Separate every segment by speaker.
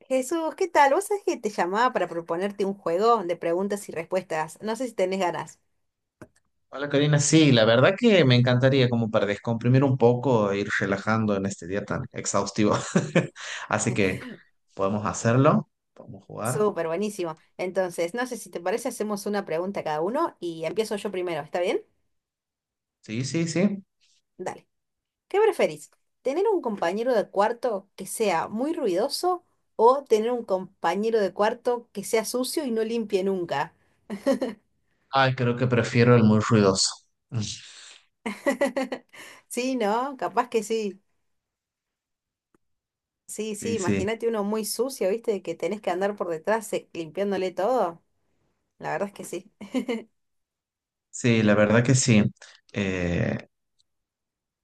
Speaker 1: Jesús, ¿qué tal? ¿Vos sabés que te llamaba para proponerte un juego de preguntas y respuestas? No sé si tenés ganas.
Speaker 2: Hola Karina, sí, la verdad que me encantaría como para descomprimir un poco e ir relajando en este día tan exhaustivo. Así que podemos hacerlo, podemos jugar.
Speaker 1: Súper, buenísimo. Entonces, no sé si te parece, hacemos una pregunta a cada uno y empiezo yo primero, ¿está bien?
Speaker 2: Sí, sí, sí.
Speaker 1: Dale. ¿Qué preferís? ¿Tener un compañero de cuarto que sea muy ruidoso o tener un compañero de cuarto que sea sucio y no limpie nunca?
Speaker 2: Ay, creo que prefiero el muy ruidoso.
Speaker 1: Sí, ¿no? Capaz que sí. Sí, sí,
Speaker 2: Sí, sí,
Speaker 1: imagínate uno muy sucio, ¿viste? Que tenés que andar por detrás limpiándole todo. La verdad es que sí.
Speaker 2: sí, la verdad que sí. Eh,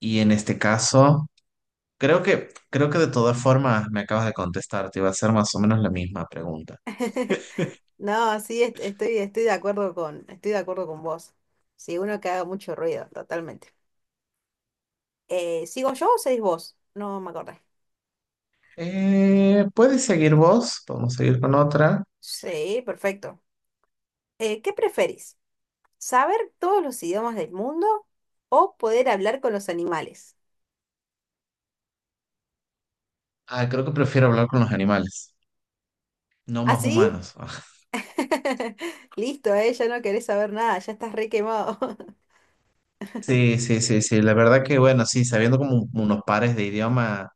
Speaker 2: y en este caso, creo que de todas formas me acabas de contestar, te iba a hacer más o menos la misma pregunta.
Speaker 1: No, sí, estoy de acuerdo con vos. Sí, uno que haga mucho ruido, totalmente. ¿Sigo yo o seguís vos? No me acordé.
Speaker 2: ¿Puedes seguir vos? Podemos seguir con otra.
Speaker 1: Sí, perfecto. ¿Qué preferís? ¿Saber todos los idiomas del mundo o poder hablar con los animales?
Speaker 2: Ah, creo que prefiero hablar con los animales. No
Speaker 1: ¿Ah,
Speaker 2: más
Speaker 1: sí?
Speaker 2: humanos.
Speaker 1: Listo, ya no querés saber nada, ya estás re quemado.
Speaker 2: Sí, sí, sí, sí. La verdad que, bueno, sí, sabiendo como unos pares de idioma,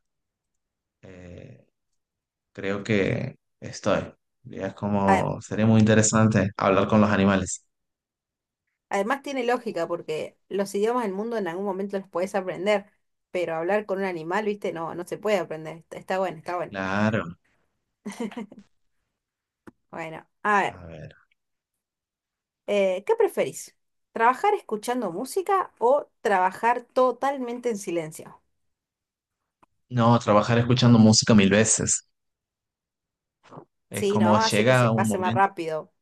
Speaker 2: eh, creo que estoy. Ya. Es
Speaker 1: A-
Speaker 2: como, sería muy interesante hablar con los animales.
Speaker 1: Además tiene lógica porque los idiomas del mundo en algún momento los podés aprender, pero hablar con un animal, viste, no, no se puede aprender. Está está bueno, está bueno.
Speaker 2: Claro.
Speaker 1: Bueno, a ver,
Speaker 2: A ver.
Speaker 1: ¿qué preferís? ¿Trabajar escuchando música o trabajar totalmente en silencio?
Speaker 2: No, trabajar escuchando música mil veces. Es
Speaker 1: Sí,
Speaker 2: como
Speaker 1: ¿no? Hace que se
Speaker 2: llega un
Speaker 1: pase más
Speaker 2: momento.
Speaker 1: rápido.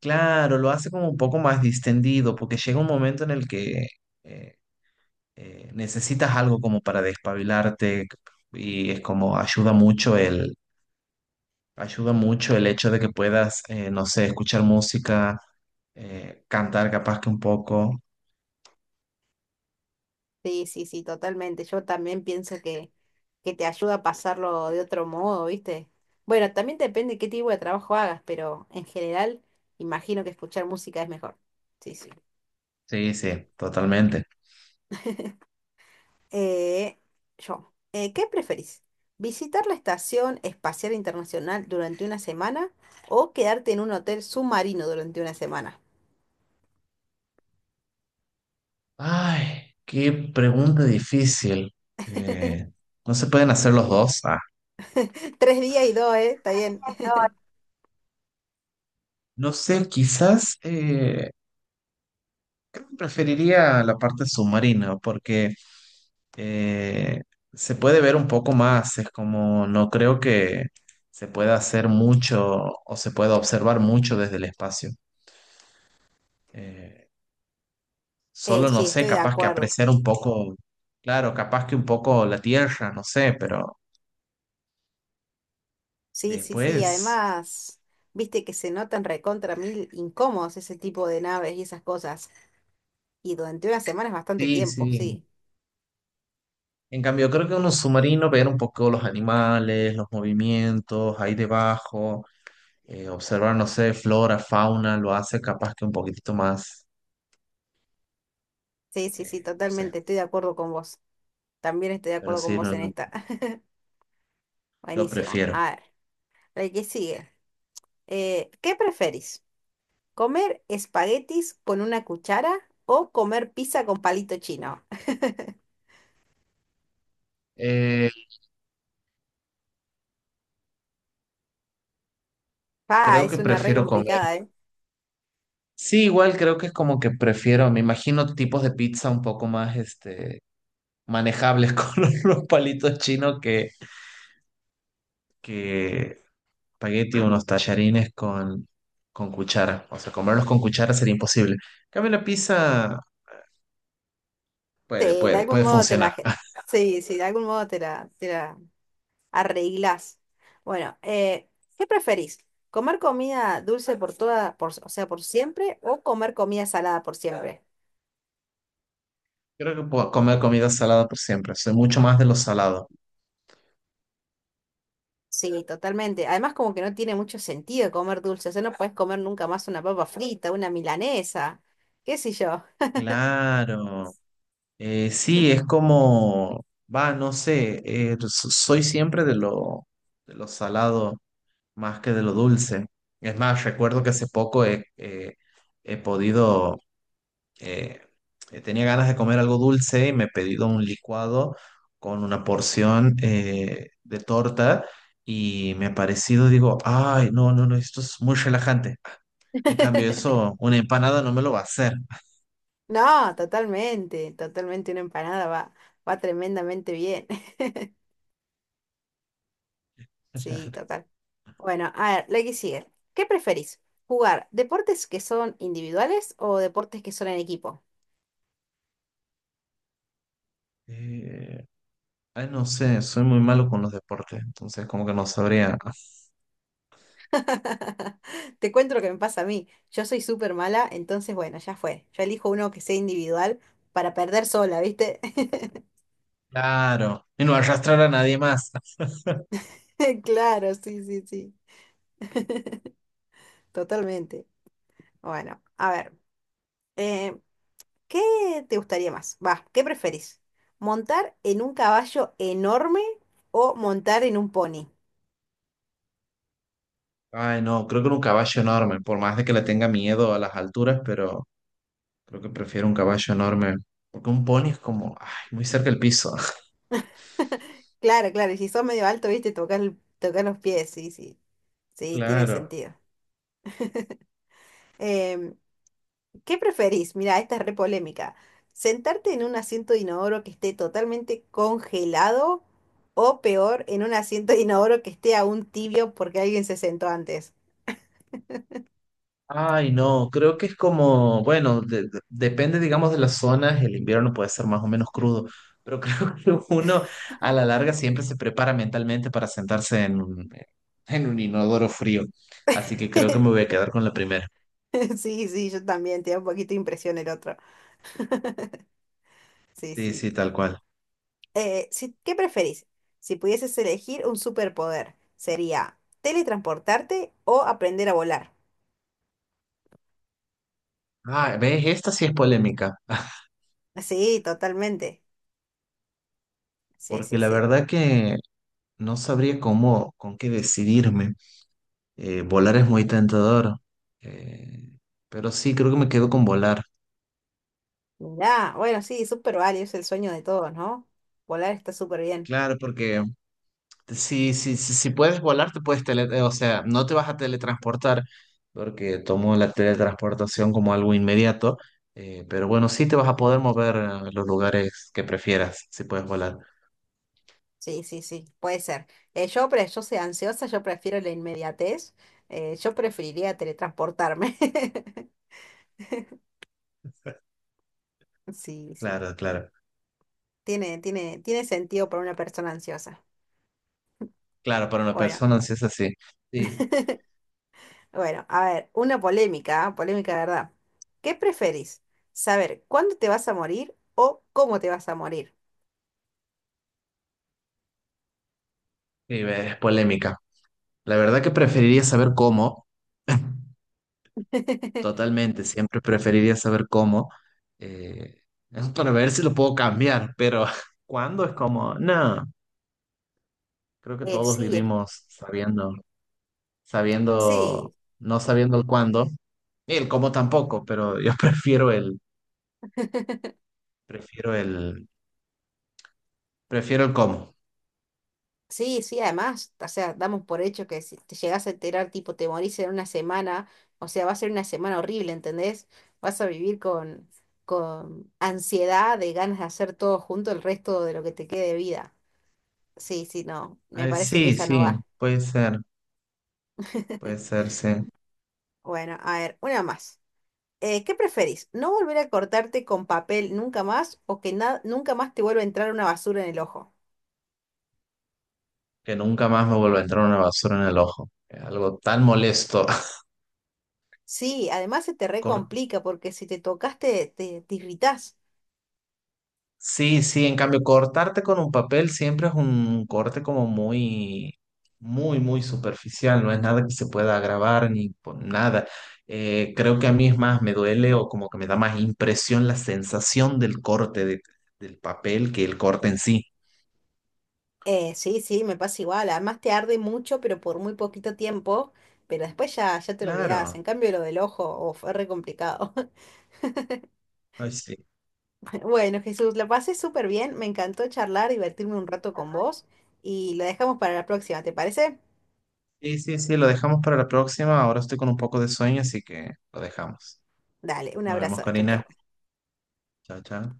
Speaker 2: Claro, lo hace como un poco más distendido, porque llega un momento en el que eh, necesitas algo como para despabilarte y es como ayuda mucho. Ayuda mucho el hecho de que puedas, no sé, escuchar música, cantar capaz que un poco.
Speaker 1: Sí, sí, sí, totalmente. Yo también pienso que te ayuda a pasarlo de otro modo, ¿viste? Bueno, también depende qué tipo de trabajo hagas, pero en general imagino que escuchar música es mejor. Sí, sí.
Speaker 2: Sí, sí, totalmente.
Speaker 1: Eh, ¿Qué preferís? ¿Visitar la Estación Espacial Internacional durante una semana o quedarte en un hotel submarino durante una semana?
Speaker 2: Ay, qué pregunta difícil. Eh, ¿No se pueden hacer los dos? Ah,
Speaker 1: Tres días y dos, ¿eh? Está bien.
Speaker 2: no sé, quizás creo que preferiría la parte submarina porque eh, se puede ver un poco más. Es como, no creo que se pueda hacer mucho o se pueda observar mucho desde el espacio. Eh, Solo no
Speaker 1: Sí,
Speaker 2: sé,
Speaker 1: estoy de
Speaker 2: capaz que
Speaker 1: acuerdo.
Speaker 2: apreciar un poco, claro, capaz que un poco la tierra, no sé, pero
Speaker 1: Sí, sí, sí.
Speaker 2: después,
Speaker 1: Además, viste que se notan recontra mil incómodos ese tipo de naves y esas cosas. Y durante una semana es bastante
Speaker 2: sí,
Speaker 1: tiempo,
Speaker 2: sí.
Speaker 1: sí.
Speaker 2: En cambio, creo que uno submarino, ver un poco los animales, los movimientos ahí debajo, observar, no sé, flora, fauna, lo hace capaz que un poquitito más,
Speaker 1: Sí, sí, sí,
Speaker 2: no sé,
Speaker 1: totalmente. Estoy de acuerdo con vos. También estoy de
Speaker 2: pero
Speaker 1: acuerdo con
Speaker 2: sí,
Speaker 1: vos
Speaker 2: no,
Speaker 1: en
Speaker 2: no,
Speaker 1: esta.
Speaker 2: yo
Speaker 1: Buenísimo.
Speaker 2: prefiero.
Speaker 1: A ver, el que sigue. ¿Qué preferís? ¿Comer espaguetis con una cuchara o comer pizza con palito chino?
Speaker 2: Eh,
Speaker 1: Ah,
Speaker 2: Creo
Speaker 1: es
Speaker 2: que
Speaker 1: una re
Speaker 2: prefiero comer.
Speaker 1: complicada, ¿eh?
Speaker 2: Sí, igual creo que es como que prefiero, me imagino tipos de pizza un poco más, este, manejables con unos palitos chinos que espagueti o unos tallarines con cuchara. O sea, comerlos con cuchara sería imposible. En cambio, la pizza puede,
Speaker 1: Sí, de
Speaker 2: puede,
Speaker 1: algún
Speaker 2: puede
Speaker 1: modo te
Speaker 2: funcionar.
Speaker 1: la... Sí, sí, de algún modo te la arreglás. Bueno, ¿qué preferís? ¿Comer comida dulce por toda, por, o sea, por siempre o comer comida salada por siempre?
Speaker 2: Creo que puedo comer comida salada por siempre. Soy mucho más de lo salado.
Speaker 1: Sí, totalmente. Además, como que no tiene mucho sentido comer dulce. O sea, no puedes comer nunca más una papa frita, una milanesa, qué sé yo.
Speaker 2: Claro. Sí, es como, va, no sé, soy siempre de lo salado más que de lo dulce. Es más, recuerdo que hace poco he podido eh, tenía ganas de comer algo dulce y me he pedido un licuado con una porción de torta y me ha parecido, digo, ay, no, no, no, esto es muy relajante. En cambio, eso, una empanada no me lo va a hacer.
Speaker 1: No, totalmente, totalmente una empanada va tremendamente bien. Sí, total. Bueno, a ver, la que sigue. ¿Qué preferís? ¿Jugar deportes que son individuales o deportes que son en equipo?
Speaker 2: Eh, ay, no sé, soy muy malo con los deportes, entonces como que no sabría.
Speaker 1: Te cuento lo que me pasa a mí. Yo soy súper mala, entonces bueno, ya fue. Yo elijo uno que sea individual para perder sola, ¿viste?
Speaker 2: Claro, y no arrastrar a nadie más.
Speaker 1: Claro, sí, sí, sí, totalmente. Bueno, a ver. Eh, ¿Qué te gustaría más? Va, ¿Qué preferís? ¿Montar en un caballo enorme o montar en un pony?
Speaker 2: Ay, no, creo que era un caballo enorme, por más de que le tenga miedo a las alturas, pero... Creo que prefiero un caballo enorme, porque un pony es como, ay, muy cerca del piso.
Speaker 1: Claro, claro, y si sos medio alto, viste, tocar los pies, sí, sí, sí, tiene
Speaker 2: Claro.
Speaker 1: sentido. Em, ¿qué preferís? Mira, esta es re polémica. ¿Sentarte en un asiento de inodoro que esté totalmente congelado o peor, en un asiento de inodoro que esté aún tibio porque alguien se sentó antes?
Speaker 2: Ay, no, creo que es como, bueno, depende, digamos, de las zonas, el invierno puede ser más o menos crudo, pero creo que uno a la larga siempre se prepara mentalmente para sentarse en un inodoro frío. Así que creo que me voy a quedar con la primera.
Speaker 1: Sí, sí, yo también, te da un poquito de impresión el otro. Sí,
Speaker 2: Sí,
Speaker 1: sí.
Speaker 2: sí, tal cual.
Speaker 1: ¿Qué preferís? Si pudieses elegir un superpoder, ¿sería teletransportarte o aprender a volar?
Speaker 2: Ah, ¿ves? Esta sí es polémica.
Speaker 1: Sí, totalmente. Sí,
Speaker 2: Porque
Speaker 1: sí,
Speaker 2: la
Speaker 1: sí.
Speaker 2: verdad que no sabría cómo, con qué decidirme. Volar es muy tentador, eh, pero sí, creo que me quedo con volar.
Speaker 1: Mirá, bueno, sí, súper válido, es el sueño de todos, ¿no? Volar está súper bien.
Speaker 2: Claro, porque si puedes volar, te puedes tele, o sea, no te vas a teletransportar, porque tomo la teletransportación como algo inmediato, pero bueno, sí te vas a poder mover a los lugares que prefieras, si puedes volar.
Speaker 1: Sí, sí, sí, puede ser. Yo soy ansiosa, yo prefiero la inmediatez. Yo preferiría teletransportarme. Sí, sí.
Speaker 2: Claro, claro.
Speaker 1: Tiene sentido para una persona ansiosa.
Speaker 2: Claro, para una
Speaker 1: Bueno.
Speaker 2: persona sí es así. Sí,
Speaker 1: Bueno, a ver, una polémica, ¿ah? Polémica de verdad. ¿Qué preferís? ¿Saber cuándo te vas a morir o cómo te vas a morir?
Speaker 2: sí, es polémica. La verdad que preferiría saber cómo. Totalmente, siempre preferiría saber cómo, eh, es para ver si lo puedo cambiar, pero cuándo es como, no, creo que
Speaker 1: Eh,
Speaker 2: todos
Speaker 1: sí, es-
Speaker 2: vivimos sabiendo,
Speaker 1: sí,
Speaker 2: no sabiendo el cuándo, y el cómo tampoco, pero yo prefiero el, prefiero el cómo.
Speaker 1: sí, sí, además, o sea, damos por hecho que si te llegas a enterar, tipo, te morís en una semana, o sea, va a ser una semana horrible, ¿entendés? Vas a vivir con ansiedad de ganas de hacer todo junto el resto de lo que te quede de vida. Sí, sí, no, me parece que
Speaker 2: Sí,
Speaker 1: esa no
Speaker 2: sí,
Speaker 1: va.
Speaker 2: puede ser, puede ser, sí,
Speaker 1: Bueno, a ver, una más. ¿Qué preferís? ¿No volver a cortarte con papel nunca más o que na- nunca más te vuelva a entrar una basura en el ojo?
Speaker 2: que nunca más me vuelva a entrar una basura en el ojo. Es algo tan molesto.
Speaker 1: Sí, además se te recomplica porque si te tocaste te irritás.
Speaker 2: Sí, sí, en cambio, cortarte con un papel siempre es un corte como muy superficial, no es nada que se pueda grabar ni nada. Creo que a mí es más, me duele o como que me da más impresión la sensación del corte del papel que el corte en sí.
Speaker 1: Sí, sí, me pasa igual. Además te arde mucho, pero por muy poquito tiempo. Pero después ya, ya te lo olvidás.
Speaker 2: Claro,
Speaker 1: En cambio, lo del ojo, oh, fue re complicado.
Speaker 2: ay, sí.
Speaker 1: Bueno, Jesús, la pasé súper bien. Me encantó charlar, divertirme un rato con vos. Y lo dejamos para la próxima, ¿te parece?
Speaker 2: Sí, sí, sí, lo dejamos para la próxima. Ahora estoy con un poco de sueño, así que lo dejamos.
Speaker 1: Dale, un
Speaker 2: Nos vemos,
Speaker 1: abrazo. Chau,
Speaker 2: Corina.
Speaker 1: chau.
Speaker 2: Chao, chao.